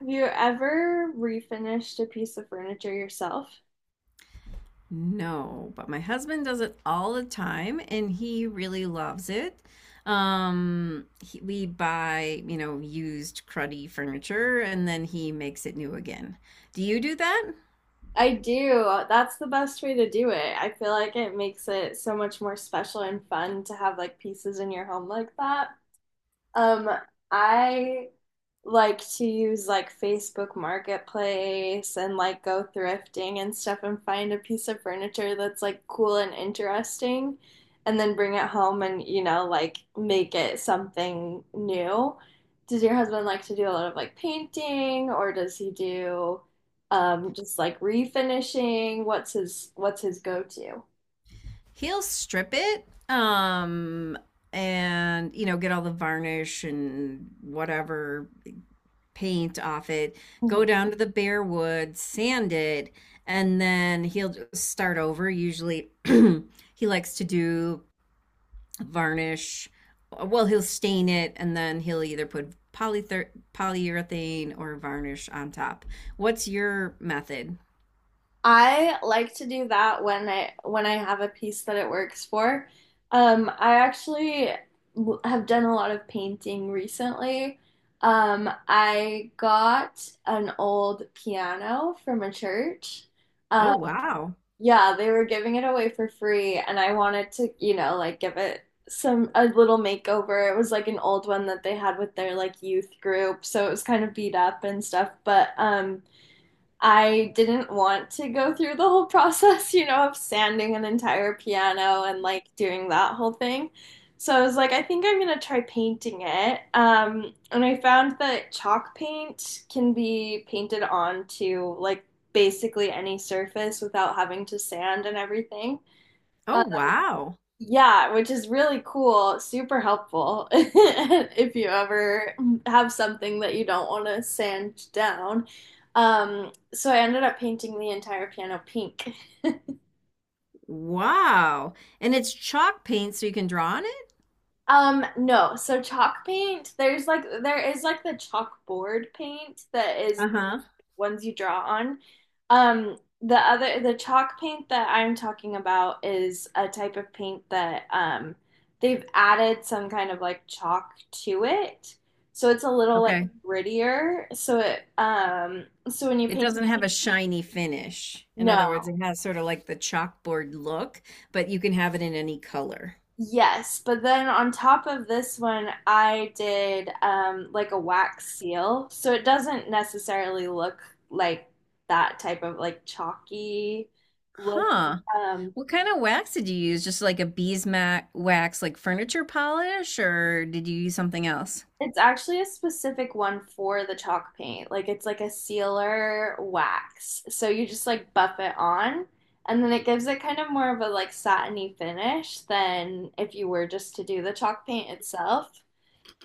Have you ever refinished a piece of furniture yourself? No, but my husband does it all the time and he really loves it. We buy, you know, used cruddy furniture and then he makes it new again. Do you do that? I do. That's the best way to do it. I feel like it makes it so much more special and fun to have like pieces in your home like that. Um, I like to use like Facebook Marketplace and like go thrifting and stuff and find a piece of furniture that's like cool and interesting, and then bring it home and like make it something new. Does your husband like to do a lot of like painting, or does he do just like refinishing? What's his go-to? He'll strip it, and, you know, get all the varnish and whatever paint off it, go down to the bare wood, sand it, and then he'll just start over. Usually he likes to do varnish. Well, he'll stain it and then he'll either put polyurethane or varnish on top. What's your method? I like to do that when I have a piece that it works for. I actually have done a lot of painting recently. I got an old piano from a church. Oh, Um, wow. yeah, they were giving it away for free, and I wanted to, like give it some a little makeover. It was like an old one that they had with their like youth group, so it was kind of beat up and stuff, but I didn't want to go through the whole process, of sanding an entire piano and like doing that whole thing. So I was like, I think I'm gonna try painting it. And I found that chalk paint can be painted onto like basically any surface without having to sand and everything. Oh, wow. Yeah, which is really cool, super helpful if you ever have something that you don't want to sand down. So I ended up painting the entire piano pink. Wow. And it's chalk paint, so you can draw on it? No, so chalk paint, there's like there is like the chalkboard paint that is Uh-huh. ones you draw on. The other, the chalk paint that I'm talking about is a type of paint that they've added some kind of like chalk to it. So it's a little like Okay. grittier. So it, so when you It paint, doesn't have a shiny finish. In other words, no, it has sort of like the chalkboard look, but you can have it in any color. yes. But then on top of this one, I did like a wax seal. So it doesn't necessarily look like that type of like chalky look. Huh. Um, What kind of wax did you use? Just like a beeswax like furniture polish, or did you use something else? It's actually a specific one for the chalk paint. Like it's like a sealer wax. So you just like buff it on, and then it gives it kind of more of a like satiny finish than if you were just to do the chalk paint itself.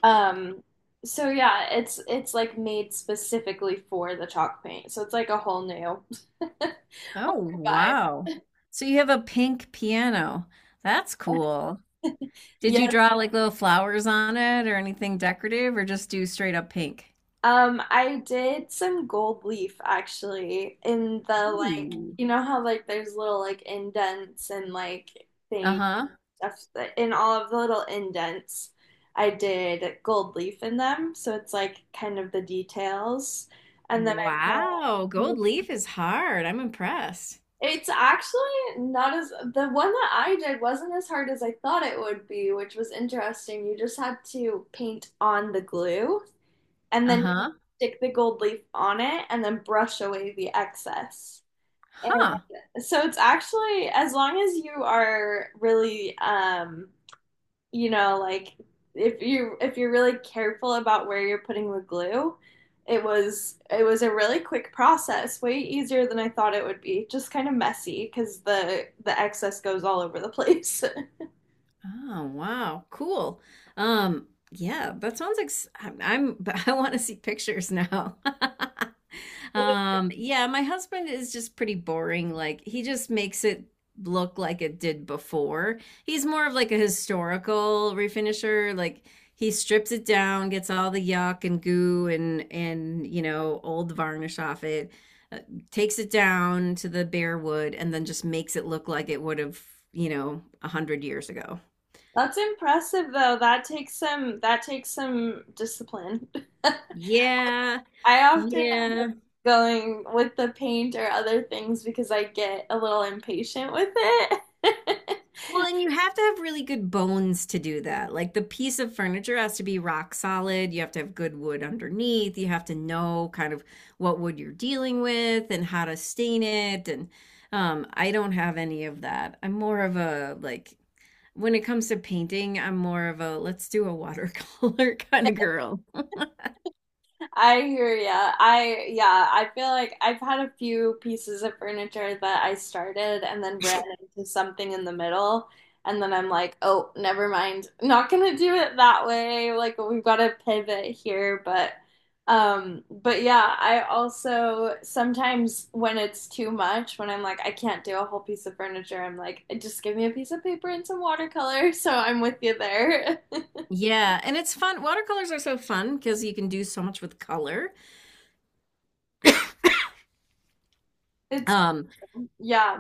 Um so yeah, it's like made specifically for the chalk paint. So it's like a whole new Oh, vibe. wow. So you have a pink piano. That's cool. Did Yeah. you draw like little flowers on it or anything decorative, or just do straight up pink? I did some gold leaf actually in the like Ooh. you know how like there's little like indents and like things Uh-huh. In all of the little indents I did gold leaf in them, so it's like kind of the details, and then I bought Wow. Gold leaf is hard. I'm impressed. it's actually not as the one that I did wasn't as hard as I thought it would be, which was interesting. You just had to paint on the glue and then you Uh-huh. stick the gold leaf on it and then brush away the excess. And Huh. so it's actually, as long as you are really like, if you if you're really careful about where you're putting the glue, it was a really quick process, way easier than I thought it would be. Just kind of messy because the excess goes all over the place. Oh, wow. Cool. Yeah, that sounds like I'm but I want to see pictures now. Yeah, my husband is just pretty boring. Like he just makes it look like it did before. He's more of like a historical refinisher. Like he strips it down, gets all the yuck and goo and you know, old varnish off it, uh, takes it down to the bare wood and then just makes it look like it would have, you know, a hundred years ago. That's impressive though. That takes some discipline. Yeah, I often yeah. going with the paint or other things because I get a little impatient with it. Well, and you have to have really good bones to do that. Like the piece of furniture has to be rock solid. You have to have good wood underneath. You have to know kind of what wood you're dealing with and how to stain it. And I don't have any of that. I'm more of a like when it comes to painting, I'm more of a let's do a watercolor kind of girl. I hear ya. I yeah, I feel like I've had a few pieces of furniture that I started and then ran into something in the middle, and then I'm like, oh, never mind. Not gonna do it that way. Like we've got to pivot here, but yeah, I also sometimes when it's too much, when I'm like, I can't do a whole piece of furniture, I'm like, just give me a piece of paper and some watercolor. So I'm with you there. Yeah, and it's fun. Watercolors are so fun because you can do so much with color. It's Um, yeah.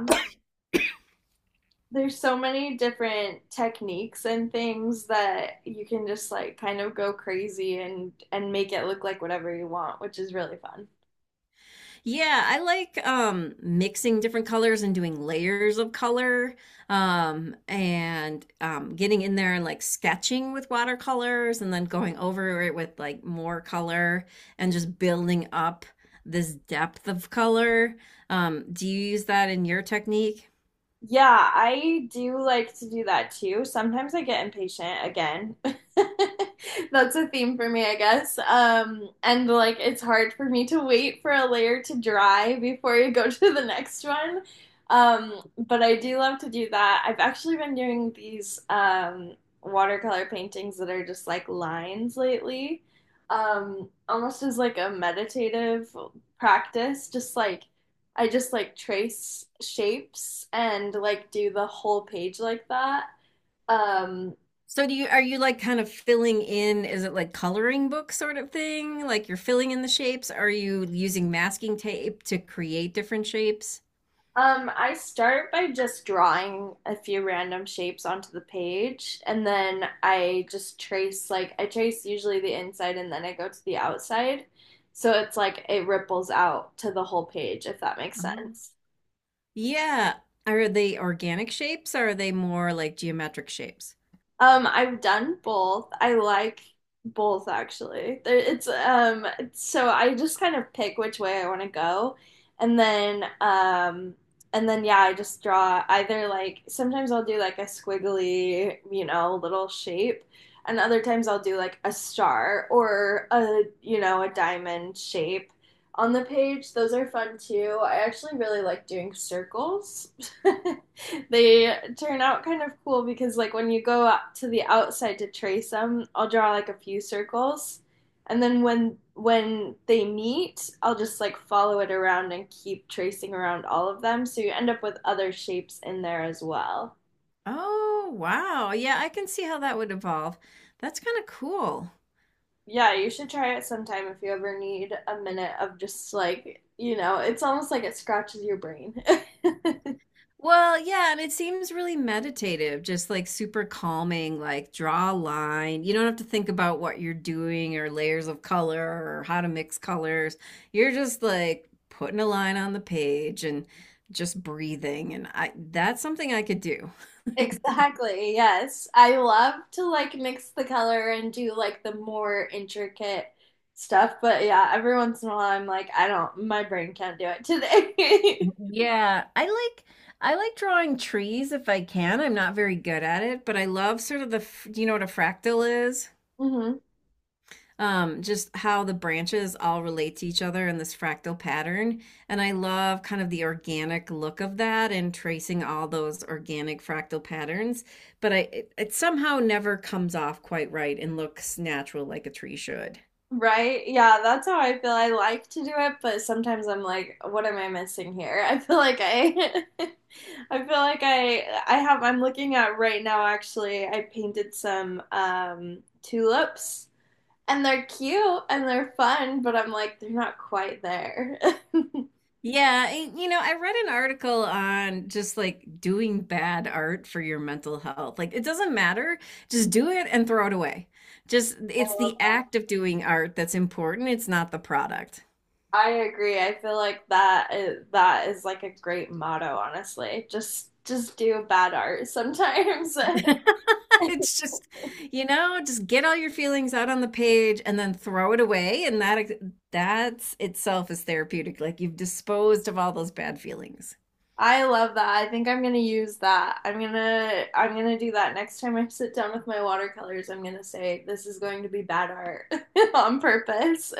There's so many different techniques and things that you can just like kind of go crazy and make it look like whatever you want, which is really fun. Yeah, I like mixing different colors and doing layers of color and getting in there and like sketching with watercolors and then going over it with like more color and just building up this depth of color. Do you use that in your technique? Yeah, I do like to do that too. Sometimes I get impatient again. That's a theme for me, I guess. And like it's hard for me to wait for a layer to dry before you go to the next one. But I do love to do that. I've actually been doing these watercolor paintings that are just like lines lately. Almost as like a meditative practice, just like I just like trace shapes and like do the whole page like that. Um, So do you are you like kind of filling in, is it like coloring book sort of thing? Like you're filling in the shapes? Are you using masking tape to create different shapes? I start by just drawing a few random shapes onto the page, and then I just trace like I trace usually the inside and then I go to the outside. So it's like it ripples out to the whole page, if that makes Oh. sense. Yeah. Are they organic shapes or are they more like geometric shapes? I've done both. I like both actually. It's, so I just kind of pick which way I want to go, and then um, and then yeah, I just draw either like sometimes I'll do like a squiggly, you know, little shape, and other times I'll do like a star or a you know a diamond shape on the page. Those are fun too. I actually really like doing circles. They turn out kind of cool because, like, when you go out to the outside to trace them, I'll draw like a few circles, and then when they meet, I'll just like follow it around and keep tracing around all of them, so you end up with other shapes in there as well. Oh, wow. Yeah, I can see how that would evolve. That's kind of cool. Yeah, you should try it sometime if you ever need a minute of just like, you know, it's almost like it scratches your brain. Well, yeah, and it seems really meditative, just like super calming, like draw a line. You don't have to think about what you're doing or layers of color or how to mix colors. You're just like putting a line on the page and just breathing. And I that's something I could do. Exactly. Yes. I love to like mix the color and do like the more intricate stuff, but yeah, every once in a while I'm like, I don't, my brain can't do it today. Yeah, I like drawing trees if I can. I'm not very good at it, but I love sort of the, do you know what a fractal is? hmm Just how the branches all relate to each other in this fractal pattern. And I love kind of the organic look of that and tracing all those organic fractal patterns. But it somehow never comes off quite right and looks natural like a tree should. Right? Yeah, that's how I feel. I like to do it, but sometimes I'm like, what am I missing here? I feel like I I feel like I have I'm looking at right now actually. I painted some tulips, and they're cute and they're fun, but I'm like, they're not quite there. I love Yeah, and, you know, I read an article on just like doing bad art for your mental health. Like it doesn't matter, just do it and throw it away. Just it's the that. act of doing art that's important, it's not the product. I agree. I feel like that is like a great motto, honestly. Just do bad art sometimes. It's just, you know, just get all your feelings out on the page and then throw it away. And that's itself is therapeutic. Like you've disposed of all those bad feelings. I love that. I think I'm gonna use that. I'm gonna do that next time I sit down with my watercolors. I'm gonna say this is going to be bad art on purpose.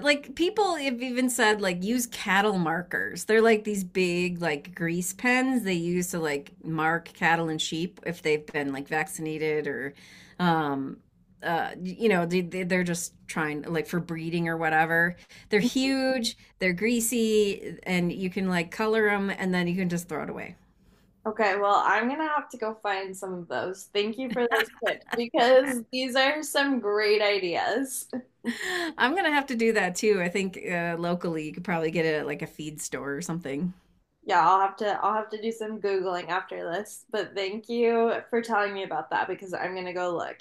Like people have even said like use cattle markers. They're like these big like grease pens they use to like mark cattle and sheep if they've been like vaccinated or um you know they're just trying like for breeding or whatever. They're huge, they're greasy and you can like color them and then you can just throw it away. Okay, well I'm gonna have to go find some of those. Thank you for those tips because these are some great ideas. I'm gonna have to do that too I think. Locally you could probably get it at like a feed store or something. Yeah, I'll have to do some Googling after this, but thank you for telling me about that because I'm gonna go look.